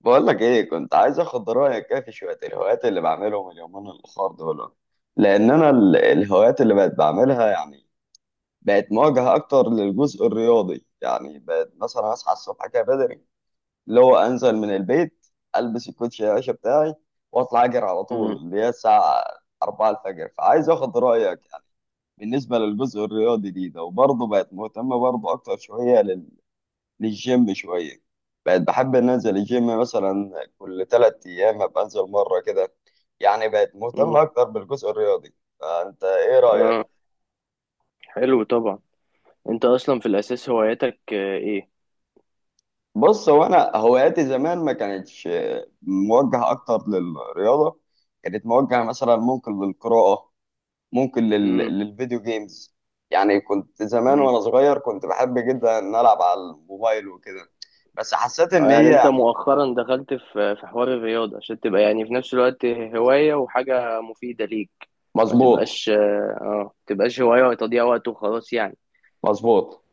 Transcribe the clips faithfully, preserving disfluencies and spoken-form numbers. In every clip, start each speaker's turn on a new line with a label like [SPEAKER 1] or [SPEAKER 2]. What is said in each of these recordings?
[SPEAKER 1] بقول لك ايه، كنت عايز اخد رايك كده في شويه الهوايات اللي بعملهم اليومين الاخر دول. لان انا ال- الهوايات اللي بقت بعملها، يعني بقت مواجهه اكتر للجزء الرياضي. يعني بقت مثلا اصحى الصبح كده بدري، اللي هو انزل من البيت، البس الكوتشي يا باشا بتاعي، واطلع اجري على طول،
[SPEAKER 2] مم.
[SPEAKER 1] اللي هي الساعه أربعة الفجر. فعايز اخد رايك يعني بالنسبه للجزء الرياضي دي. ده وبرضه بقت مهتمه برضه اكتر شويه للجيم شوية. بقيت بحب إن أنزل الجيم مثلا كل تلات أيام، أبقى أنزل مرة كده. يعني بقيت مهتم
[SPEAKER 2] مم.
[SPEAKER 1] أكتر بالجزء الرياضي، فأنت إيه رأيك؟
[SPEAKER 2] اه، حلو طبعا. انت اصلا في الاساس هواياتك آه، ايه؟
[SPEAKER 1] بص، هو أنا هواياتي زمان ما كانتش موجهة أكتر للرياضة. كانت موجهة مثلا ممكن للقراءة، ممكن لل...
[SPEAKER 2] مم.
[SPEAKER 1] للفيديو جيمز. يعني كنت زمان
[SPEAKER 2] مم.
[SPEAKER 1] وأنا صغير كنت بحب جدا إن ألعب على الموبايل وكده. بس حسيت
[SPEAKER 2] آه،
[SPEAKER 1] إن
[SPEAKER 2] يعني
[SPEAKER 1] هي
[SPEAKER 2] انت
[SPEAKER 1] يعني.
[SPEAKER 2] مؤخرا دخلت في في حوار الرياضة عشان تبقى يعني في نفس الوقت هواية وحاجة مفيدة ليك. ما
[SPEAKER 1] مظبوط.
[SPEAKER 2] تبقاش اه آه، تبقاش هواية وتضييع وقت وخلاص يعني.
[SPEAKER 1] مظبوط.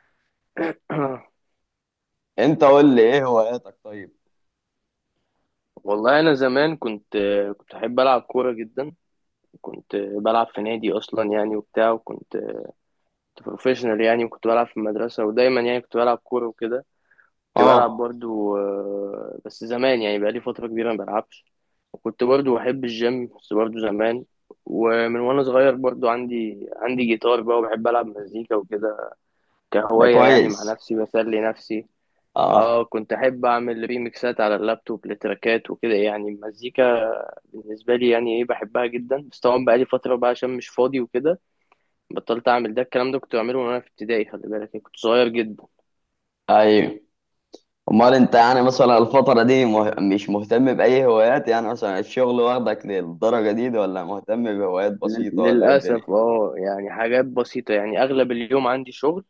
[SPEAKER 1] أنت قول لي إيه هواياتك، طيب؟
[SPEAKER 2] والله انا زمان كنت آه، كنت احب العب كورة جدا. كنت آه، بلعب في نادي اصلا يعني وبتاع، وكنت بروفيشنال يعني، وكنت بلعب في المدرسة ودايما يعني كنت بلعب كورة وكده. كنت بلعب
[SPEAKER 1] اه.
[SPEAKER 2] برضو آه، بس زمان يعني بقالي فترة كبيرة ما بلعبش. وكنت برضو بحب الجيم بس برضو زمان. ومن وانا صغير برضو عندي عندي جيتار بقى وبحب العب مزيكا وكده
[SPEAKER 1] ده
[SPEAKER 2] كهواية يعني مع
[SPEAKER 1] كويس.
[SPEAKER 2] نفسي بسلي نفسي.
[SPEAKER 1] اه.
[SPEAKER 2] اه، كنت احب اعمل ريميكسات على اللابتوب لتراكات وكده، يعني المزيكا بالنسبة لي يعني ايه بحبها جدا، بس طبعا بقالي فترة بقى عشان مش فاضي وكده بطلت اعمل ده. الكلام ده كنت بعمله وانا في ابتدائي، خلي بالك يعني كنت صغير جدا.
[SPEAKER 1] ايوه. امال انت يعني مثلا الفترة دي مه... مش مهتم بأي هوايات؟ يعني مثلا الشغل واخدك للدرجة دي، ده ولا مهتم بهوايات بسيطة، ولا ايه الدنيا؟
[SPEAKER 2] للأسف اه، يعني حاجات بسيطة، يعني أغلب اليوم عندي شغل.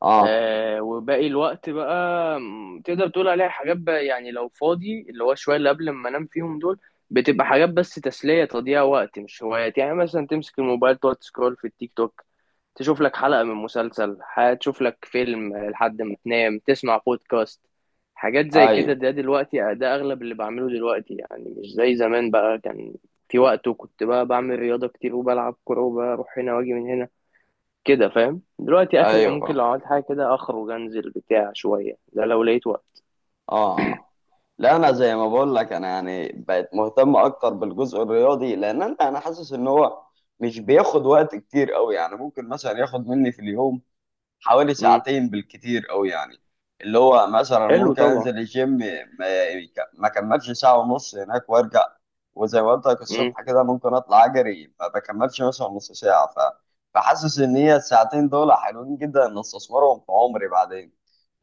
[SPEAKER 1] اه.
[SPEAKER 2] آه وباقي الوقت بقى م، تقدر تقول عليها حاجات بقى، يعني لو فاضي اللي هو شوية اللي قبل ما انام فيهم دول بتبقى حاجات بس تسلية تضييع وقت، مش هوايات. يعني مثلا تمسك الموبايل تقعد تسكرول في التيك توك، تشوف لك حلقة من مسلسل، ح- تشوف لك فيلم لحد ما تنام، تسمع بودكاست، حاجات زي كده.
[SPEAKER 1] ايوه.
[SPEAKER 2] ده دلوقتي ده أغلب اللي بعمله دلوقتي، يعني مش زي زمان بقى كان في وقت وكنت بقى بعمل رياضة كتير وبلعب كورة وبروح هنا واجي من هنا كده فاهم. دلوقتي اخري
[SPEAKER 1] ايوه
[SPEAKER 2] ممكن
[SPEAKER 1] فاهم.
[SPEAKER 2] لو عملت حاجه كده اخرج انزل بتاع شويه ده لو لقيت وقت.
[SPEAKER 1] اه. اه. لا، انا زي ما بقول لك، انا يعني بقيت مهتم اكتر بالجزء الرياضي لان انا انا حاسس ان هو مش بياخد وقت كتير قوي. يعني ممكن مثلا ياخد مني في اليوم حوالي
[SPEAKER 2] امم.
[SPEAKER 1] ساعتين بالكتير قوي يعني. اللي هو مثلا
[SPEAKER 2] حلو
[SPEAKER 1] ممكن
[SPEAKER 2] طبعا.
[SPEAKER 1] انزل الجيم ما ما كملش ساعة ونص هناك وارجع. وزي ما قلت لك
[SPEAKER 2] امم.
[SPEAKER 1] الصبح كده ممكن اطلع اجري، ما بكملش مثلا نص ساعة. ف... فحاسس ان هي الساعتين دول حلوين جدا، ان استثمرهم في عمري بعدين،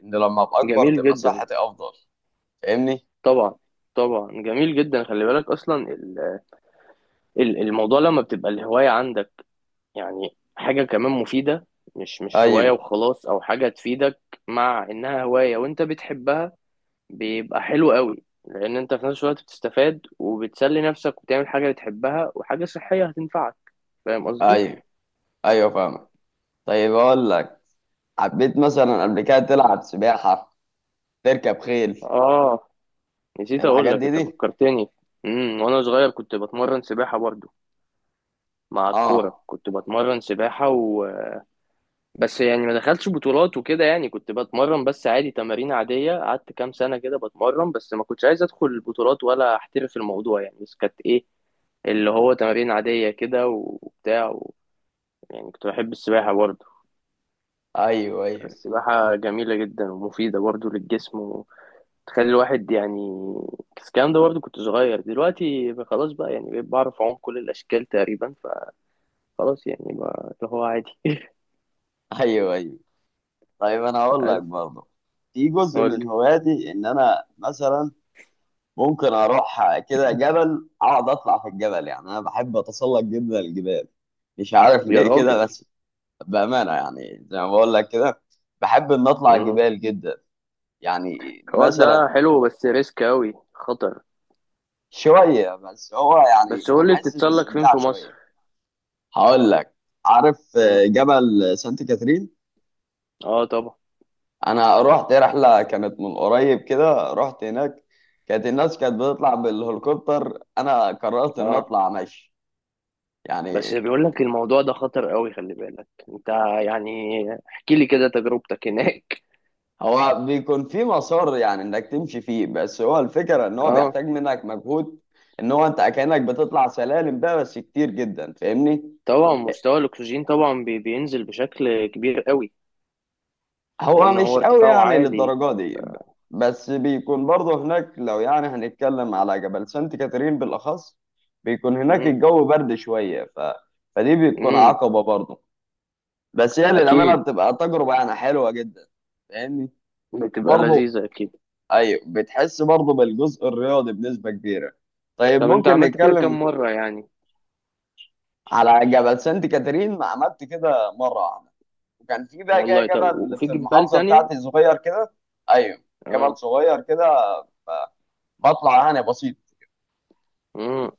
[SPEAKER 1] ان لما ابقى اكبر
[SPEAKER 2] جميل
[SPEAKER 1] تبقى
[SPEAKER 2] جدا.
[SPEAKER 1] صحتي افضل. فاهمني؟
[SPEAKER 2] طبعا. طبعا جميل جدا. خلي بالك اصلا ال- ال- الموضوع لما بتبقى الهوايه عندك يعني حاجه كمان مفيده، مش مش هوايه
[SPEAKER 1] ايوه
[SPEAKER 2] وخلاص او حاجه تفيدك. مع انها هوايه وانت بتحبها بيبقى حلو قوي، لان انت في نفس الوقت بتستفاد وبتسلي نفسك وبتعمل حاجه بتحبها وحاجه صحيه هتنفعك. فاهم قصدي؟
[SPEAKER 1] ايوه. ايوه فاهمك. طيب، اقول لك. حبيت مثلا قبل كده تلعب سباحة، تركب خيل،
[SPEAKER 2] اه، نسيت اقول
[SPEAKER 1] الحاجات
[SPEAKER 2] لك
[SPEAKER 1] دي
[SPEAKER 2] انت
[SPEAKER 1] دي
[SPEAKER 2] فكرتني. امم، وانا صغير كنت بتمرن سباحه برضو مع
[SPEAKER 1] اه.
[SPEAKER 2] الكوره. كنت بتمرن سباحه و... بس يعني ما دخلتش بطولات وكده، يعني كنت بتمرن بس عادي، تمارين عاديه قعدت كام سنه كده بتمرن، بس ما كنتش عايز ادخل بطولات ولا احترف الموضوع يعني. بس كانت ايه اللي هو تمارين عاديه كده وبتاع و... يعني كنت بحب السباحه برضو.
[SPEAKER 1] ايوه. ايوه.
[SPEAKER 2] السباحه جميله جدا ومفيده برضو للجسم، تخلي الواحد يعني. بس الكلام ده برضه كنت صغير. دلوقتي خلاص بقى يعني بقيت بعرف أعوم كل الأشكال تقريبا، فخلاص يعني بقى اللي هو عادي.
[SPEAKER 1] ايوه. ايوه. طيب، انا هقول لك
[SPEAKER 2] بس
[SPEAKER 1] برضه في جزء
[SPEAKER 2] قول لي.
[SPEAKER 1] من هواياتي ان انا مثلا ممكن اروح كده جبل، اقعد اطلع في الجبل. يعني انا بحب اتسلق جدا الجبال، مش عارف
[SPEAKER 2] يا
[SPEAKER 1] ليه
[SPEAKER 2] راجل.
[SPEAKER 1] كده بس. بامانه يعني زي ما بقول لك كده، بحب ان اطلع
[SPEAKER 2] مم.
[SPEAKER 1] الجبال جدا. يعني
[SPEAKER 2] الحوار ده
[SPEAKER 1] مثلا،
[SPEAKER 2] حلو بس ريسك أوي خطر.
[SPEAKER 1] شويه بس، هو يعني
[SPEAKER 2] بس قول لي
[SPEAKER 1] بحس
[SPEAKER 2] بتتسلق فين
[SPEAKER 1] باستمتاع
[SPEAKER 2] في مصر؟
[SPEAKER 1] شويه. هقول لك. عارف
[SPEAKER 2] مم.
[SPEAKER 1] جبل سانت كاترين؟
[SPEAKER 2] اه طبعا.
[SPEAKER 1] انا رحت رحله كانت من قريب كده، رحت هناك. كانت الناس كانت بتطلع بالهليكوبتر، انا قررت ان
[SPEAKER 2] اه،
[SPEAKER 1] اطلع مشي.
[SPEAKER 2] بس
[SPEAKER 1] يعني
[SPEAKER 2] بيقول لك الموضوع ده خطر أوي خلي بالك انت يعني. احكي لي كده تجربتك هناك.
[SPEAKER 1] هو بيكون في مسار يعني انك تمشي فيه، بس هو الفكره ان هو
[SPEAKER 2] اه
[SPEAKER 1] بيحتاج منك مجهود. ان هو انت كانك بتطلع سلالم بقى، بس كتير جدا، فاهمني.
[SPEAKER 2] طبعا، مستوى الاكسجين طبعا بي- بينزل بشكل كبير قوي
[SPEAKER 1] هو
[SPEAKER 2] لان
[SPEAKER 1] مش
[SPEAKER 2] هو
[SPEAKER 1] قوي
[SPEAKER 2] ارتفاعه
[SPEAKER 1] يعني
[SPEAKER 2] عالي.
[SPEAKER 1] للدرجة دي. بس بيكون برضه هناك، لو يعني هنتكلم على جبل سانت كاترين بالأخص، بيكون هناك
[SPEAKER 2] مم.
[SPEAKER 1] الجو برد شوية. ف... فدي بتكون
[SPEAKER 2] مم.
[SPEAKER 1] عقبة برضه. بس هي للأمانة
[SPEAKER 2] اكيد.
[SPEAKER 1] بتبقى تجربة يعني حلوة جدا. فاهمني.
[SPEAKER 2] بتبقى
[SPEAKER 1] وبرضه
[SPEAKER 2] لذيذة اكيد.
[SPEAKER 1] أيوه بتحس برضه بالجزء الرياضي بنسبة كبيرة. طيب،
[SPEAKER 2] طب انت
[SPEAKER 1] ممكن
[SPEAKER 2] عملت كده كم
[SPEAKER 1] نتكلم،
[SPEAKER 2] مرة يعني؟
[SPEAKER 1] على جبل سانت كاترين ما عملت كده مرة واحدة. وكان في بقى كده
[SPEAKER 2] والله طب
[SPEAKER 1] جبل
[SPEAKER 2] وفي
[SPEAKER 1] في
[SPEAKER 2] جبال
[SPEAKER 1] المحافظة
[SPEAKER 2] تانية؟
[SPEAKER 1] بتاعتي صغير كده. أيوه. جبل
[SPEAKER 2] اه.
[SPEAKER 1] صغير كده بطلع انا بسيط.
[SPEAKER 2] مم.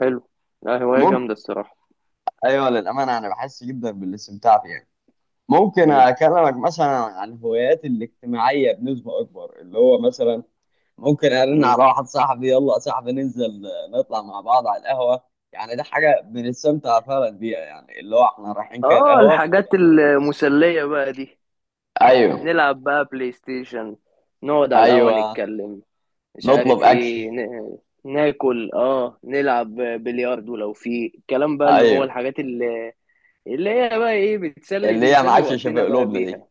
[SPEAKER 2] حلو. لا هواية
[SPEAKER 1] ممكن.
[SPEAKER 2] جامدة الصراحة.
[SPEAKER 1] ايوه للامانه انا بحس جدا بالاستمتاع فيها. ممكن
[SPEAKER 2] مم.
[SPEAKER 1] اكلمك مثلا عن هواياتي الاجتماعيه بنسبه اكبر، اللي هو مثلا ممكن ارن
[SPEAKER 2] مم.
[SPEAKER 1] على واحد صاحبي، يلا يا صاحبي ننزل، نطلع مع بعض على القهوه. يعني ده حاجه بنستمتع فعلا بيها، يعني اللي هو احنا رايحين كده
[SPEAKER 2] اه،
[SPEAKER 1] القهوه.
[SPEAKER 2] الحاجات المسلية بقى دي.
[SPEAKER 1] ايوه.
[SPEAKER 2] نلعب بقى بلاي ستيشن، نقعد على القهوة
[SPEAKER 1] ايوه،
[SPEAKER 2] نتكلم، مش
[SPEAKER 1] نطلب
[SPEAKER 2] عارف
[SPEAKER 1] اكل.
[SPEAKER 2] ايه ن... ناكل، اه نلعب بلياردو لو في الكلام بقى اللي هو
[SPEAKER 1] ايوه.
[SPEAKER 2] الحاجات اللي اللي هي بقى ايه بتسلي
[SPEAKER 1] اللي هي
[SPEAKER 2] بنسلي
[SPEAKER 1] معاش شبه
[SPEAKER 2] وقتنا بقى
[SPEAKER 1] قلوبنا دي.
[SPEAKER 2] بيها.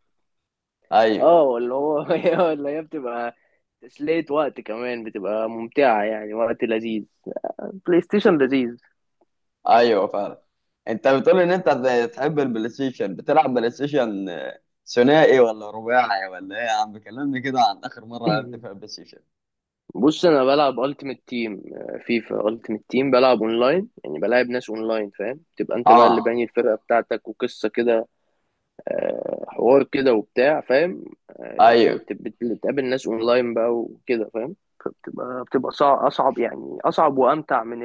[SPEAKER 1] ايوه.
[SPEAKER 2] اه اللي هو اللي هي بتبقى تسلية وقت كمان بتبقى ممتعة يعني وقت لذيذ. بلاي ستيشن لذيذ.
[SPEAKER 1] ايوه فعلا. انت بتقول ان انت بتحب البلاي ستيشن، بتلعب بلاي ستيشن آه، ثنائي ولا رباعي ولا ايه؟ يا عم كلمني كده عن اخر مره لعبت فيها بلاي ستيشن.
[SPEAKER 2] بص انا بلعب التيمت تيم، فيفا التيمت تيم، بلعب اونلاين يعني بلعب ناس اونلاين فاهم، تبقى انت بقى اللي
[SPEAKER 1] اه.
[SPEAKER 2] باني الفرقة بتاعتك وقصة كده، آه، حوار كده وبتاع فاهم، آه،
[SPEAKER 1] ايوه.
[SPEAKER 2] بت- بت- بتقابل ناس اونلاين بقى وكده فاهم. فبتبقى بتبقى صع- اصعب يعني اصعب وامتع من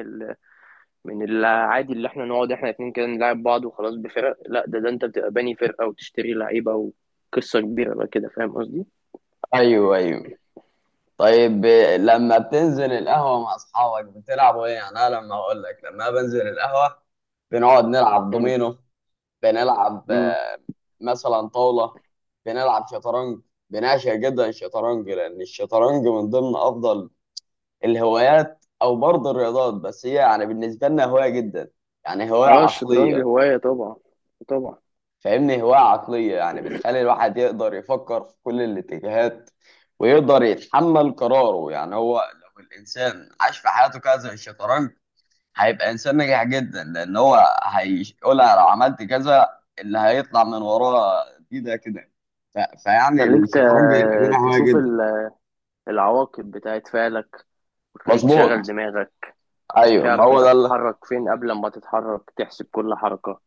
[SPEAKER 2] من العادي اللي احنا نقعد احنا اتنين كده نلعب بعض وخلاص بفرق. لا ده ده انت بتبقى باني فرقة وتشتري لعيبة وقصة كبيرة بقى كده فاهم قصدي؟
[SPEAKER 1] ايوه. ايوه. طيب، آه، لما بتنزل القهوه مع اصحابك بتلعبوا ايه؟ يعني انا لما اقول لك، لما بنزل القهوه بنقعد نلعب
[SPEAKER 2] مم.
[SPEAKER 1] دومينو، بنلعب
[SPEAKER 2] مم.
[SPEAKER 1] آه، مثلا طاوله، بنلعب شطرنج. بنعشق جدا الشطرنج، لان الشطرنج من ضمن افضل الهوايات، او برضه الرياضات، بس هي يعني بالنسبه لنا هوايه جدا، يعني هوايه
[SPEAKER 2] اه، الشطرنج
[SPEAKER 1] عقليه.
[SPEAKER 2] هواية طبعا. طبعا.
[SPEAKER 1] فاهمني، هوايه عقليه يعني بتخلي الواحد يقدر يفكر في كل الاتجاهات، ويقدر يتحمل قراره. يعني هو لو الانسان عاش في حياته كذا زي الشطرنج، هيبقى انسان ناجح جدا، لان هو هيقول أنا لو عملت كذا اللي هيطلع من وراه دي. ده كده. ف... فيعني
[SPEAKER 2] خليك
[SPEAKER 1] الشطرنج للامانه
[SPEAKER 2] ت-
[SPEAKER 1] هوايه
[SPEAKER 2] تشوف
[SPEAKER 1] جدا.
[SPEAKER 2] ال- العواقب بتاعت فعلك وتخليك تشغل
[SPEAKER 1] مظبوط.
[SPEAKER 2] دماغك.
[SPEAKER 1] ايوه ما
[SPEAKER 2] تعرف
[SPEAKER 1] هو
[SPEAKER 2] انت
[SPEAKER 1] ده.
[SPEAKER 2] هتتحرك فين قبل ما تتحرك، تحسب كل حركة.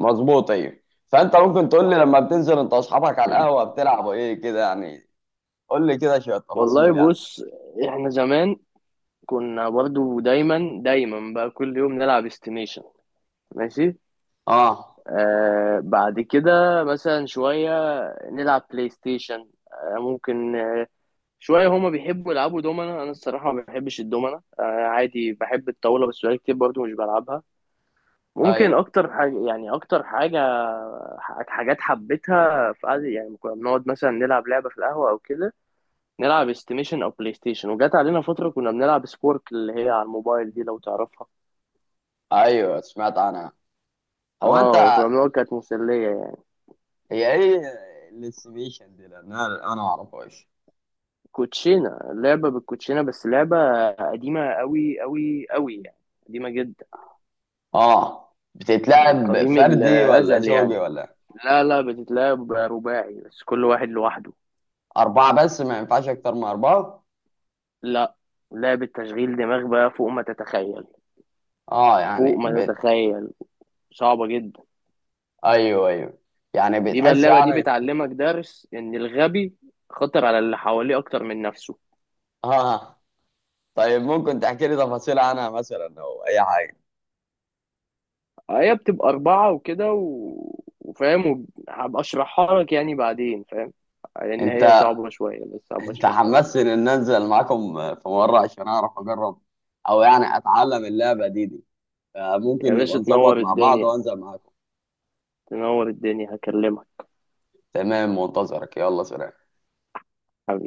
[SPEAKER 1] مظبوط. ايوه. فانت ممكن تقول لي
[SPEAKER 2] صح.
[SPEAKER 1] لما بتنزل انت واصحابك على القهوه بتلعبوا ايه كده يعني، قول لي كده شويه
[SPEAKER 2] والله
[SPEAKER 1] تفاصيل يعني.
[SPEAKER 2] بص، احنا زمان كنا برضو دايما دايما بقى كل يوم نلعب استيميشن. ماشي.
[SPEAKER 1] اه.
[SPEAKER 2] آه بعد كده مثلا شوية نلعب بلاي ستيشن، آه ممكن آه شوية هما بيحبوا يلعبوا دومنا. أنا الصراحة ما بحبش الدومنا، آه عادي بحب الطاولة بس بقالي كتير برضو مش بلعبها. ممكن
[SPEAKER 1] ايوه.
[SPEAKER 2] أكتر حاجة يعني أكتر حاجة ح- حاجات حبيتها في قعدة، يعني كنا بنقعد مثلا نلعب لعبة في القهوة أو كده، نلعب استيميشن أو بلاي ستيشن. وجات علينا فترة كنا بنلعب سبورك اللي هي على الموبايل دي لو تعرفها.
[SPEAKER 1] ايوه سمعت عنها. هو انت،
[SPEAKER 2] اه كنا بنقعد كانت مسلية يعني.
[SPEAKER 1] هي ايه الاستيميشن دي؟ لان انا أنا ما اعرفهاش.
[SPEAKER 2] كوتشينة، لعبة بالكوتشينة بس لعبة قديمة قوي قوي قوي يعني، قديمة جدا،
[SPEAKER 1] اه
[SPEAKER 2] من
[SPEAKER 1] بتتلعب
[SPEAKER 2] قديم
[SPEAKER 1] فردي ولا
[SPEAKER 2] الأزل
[SPEAKER 1] زوجي
[SPEAKER 2] يعني.
[SPEAKER 1] ولا
[SPEAKER 2] لا لا، بتتلعب رباعي بس كل واحد لوحده.
[SPEAKER 1] اربعه، بس ما ينفعش اكتر من اربعه.
[SPEAKER 2] لا، لعبة تشغيل دماغ بقى فوق ما تتخيل،
[SPEAKER 1] اه
[SPEAKER 2] فوق
[SPEAKER 1] يعني
[SPEAKER 2] ما
[SPEAKER 1] بت...
[SPEAKER 2] تتخيل، صعبة جدا.
[SPEAKER 1] ايوه. ايوه يعني
[SPEAKER 2] دي بقى
[SPEAKER 1] بتحس
[SPEAKER 2] اللعبة دي
[SPEAKER 1] يعني.
[SPEAKER 2] بتعلمك درس إن الغبي خطر على اللي حواليه أكتر من نفسه.
[SPEAKER 1] اه. طيب ممكن تحكي لي تفاصيل عنها مثلا او اي حاجه؟
[SPEAKER 2] هي بتبقى أربعة وكده و... وفاهم، وهبقى أشرحها لك يعني بعدين فاهم، لأن هي
[SPEAKER 1] انت،
[SPEAKER 2] صعبة شوية بس هبقى
[SPEAKER 1] انت
[SPEAKER 2] أشرحها لك.
[SPEAKER 1] حمسني ان انزل معاكم في مره عشان اعرف اجرب، او يعني اتعلم اللعبه دي دي.
[SPEAKER 2] يا
[SPEAKER 1] فممكن نبقى
[SPEAKER 2] باشا
[SPEAKER 1] نظبط
[SPEAKER 2] تنور
[SPEAKER 1] مع بعض
[SPEAKER 2] الدنيا.
[SPEAKER 1] وانزل معاكم.
[SPEAKER 2] تنور الدنيا، هكلمك.
[SPEAKER 1] تمام منتظرك، يلا سلام.
[SPEAKER 2] حبيبي.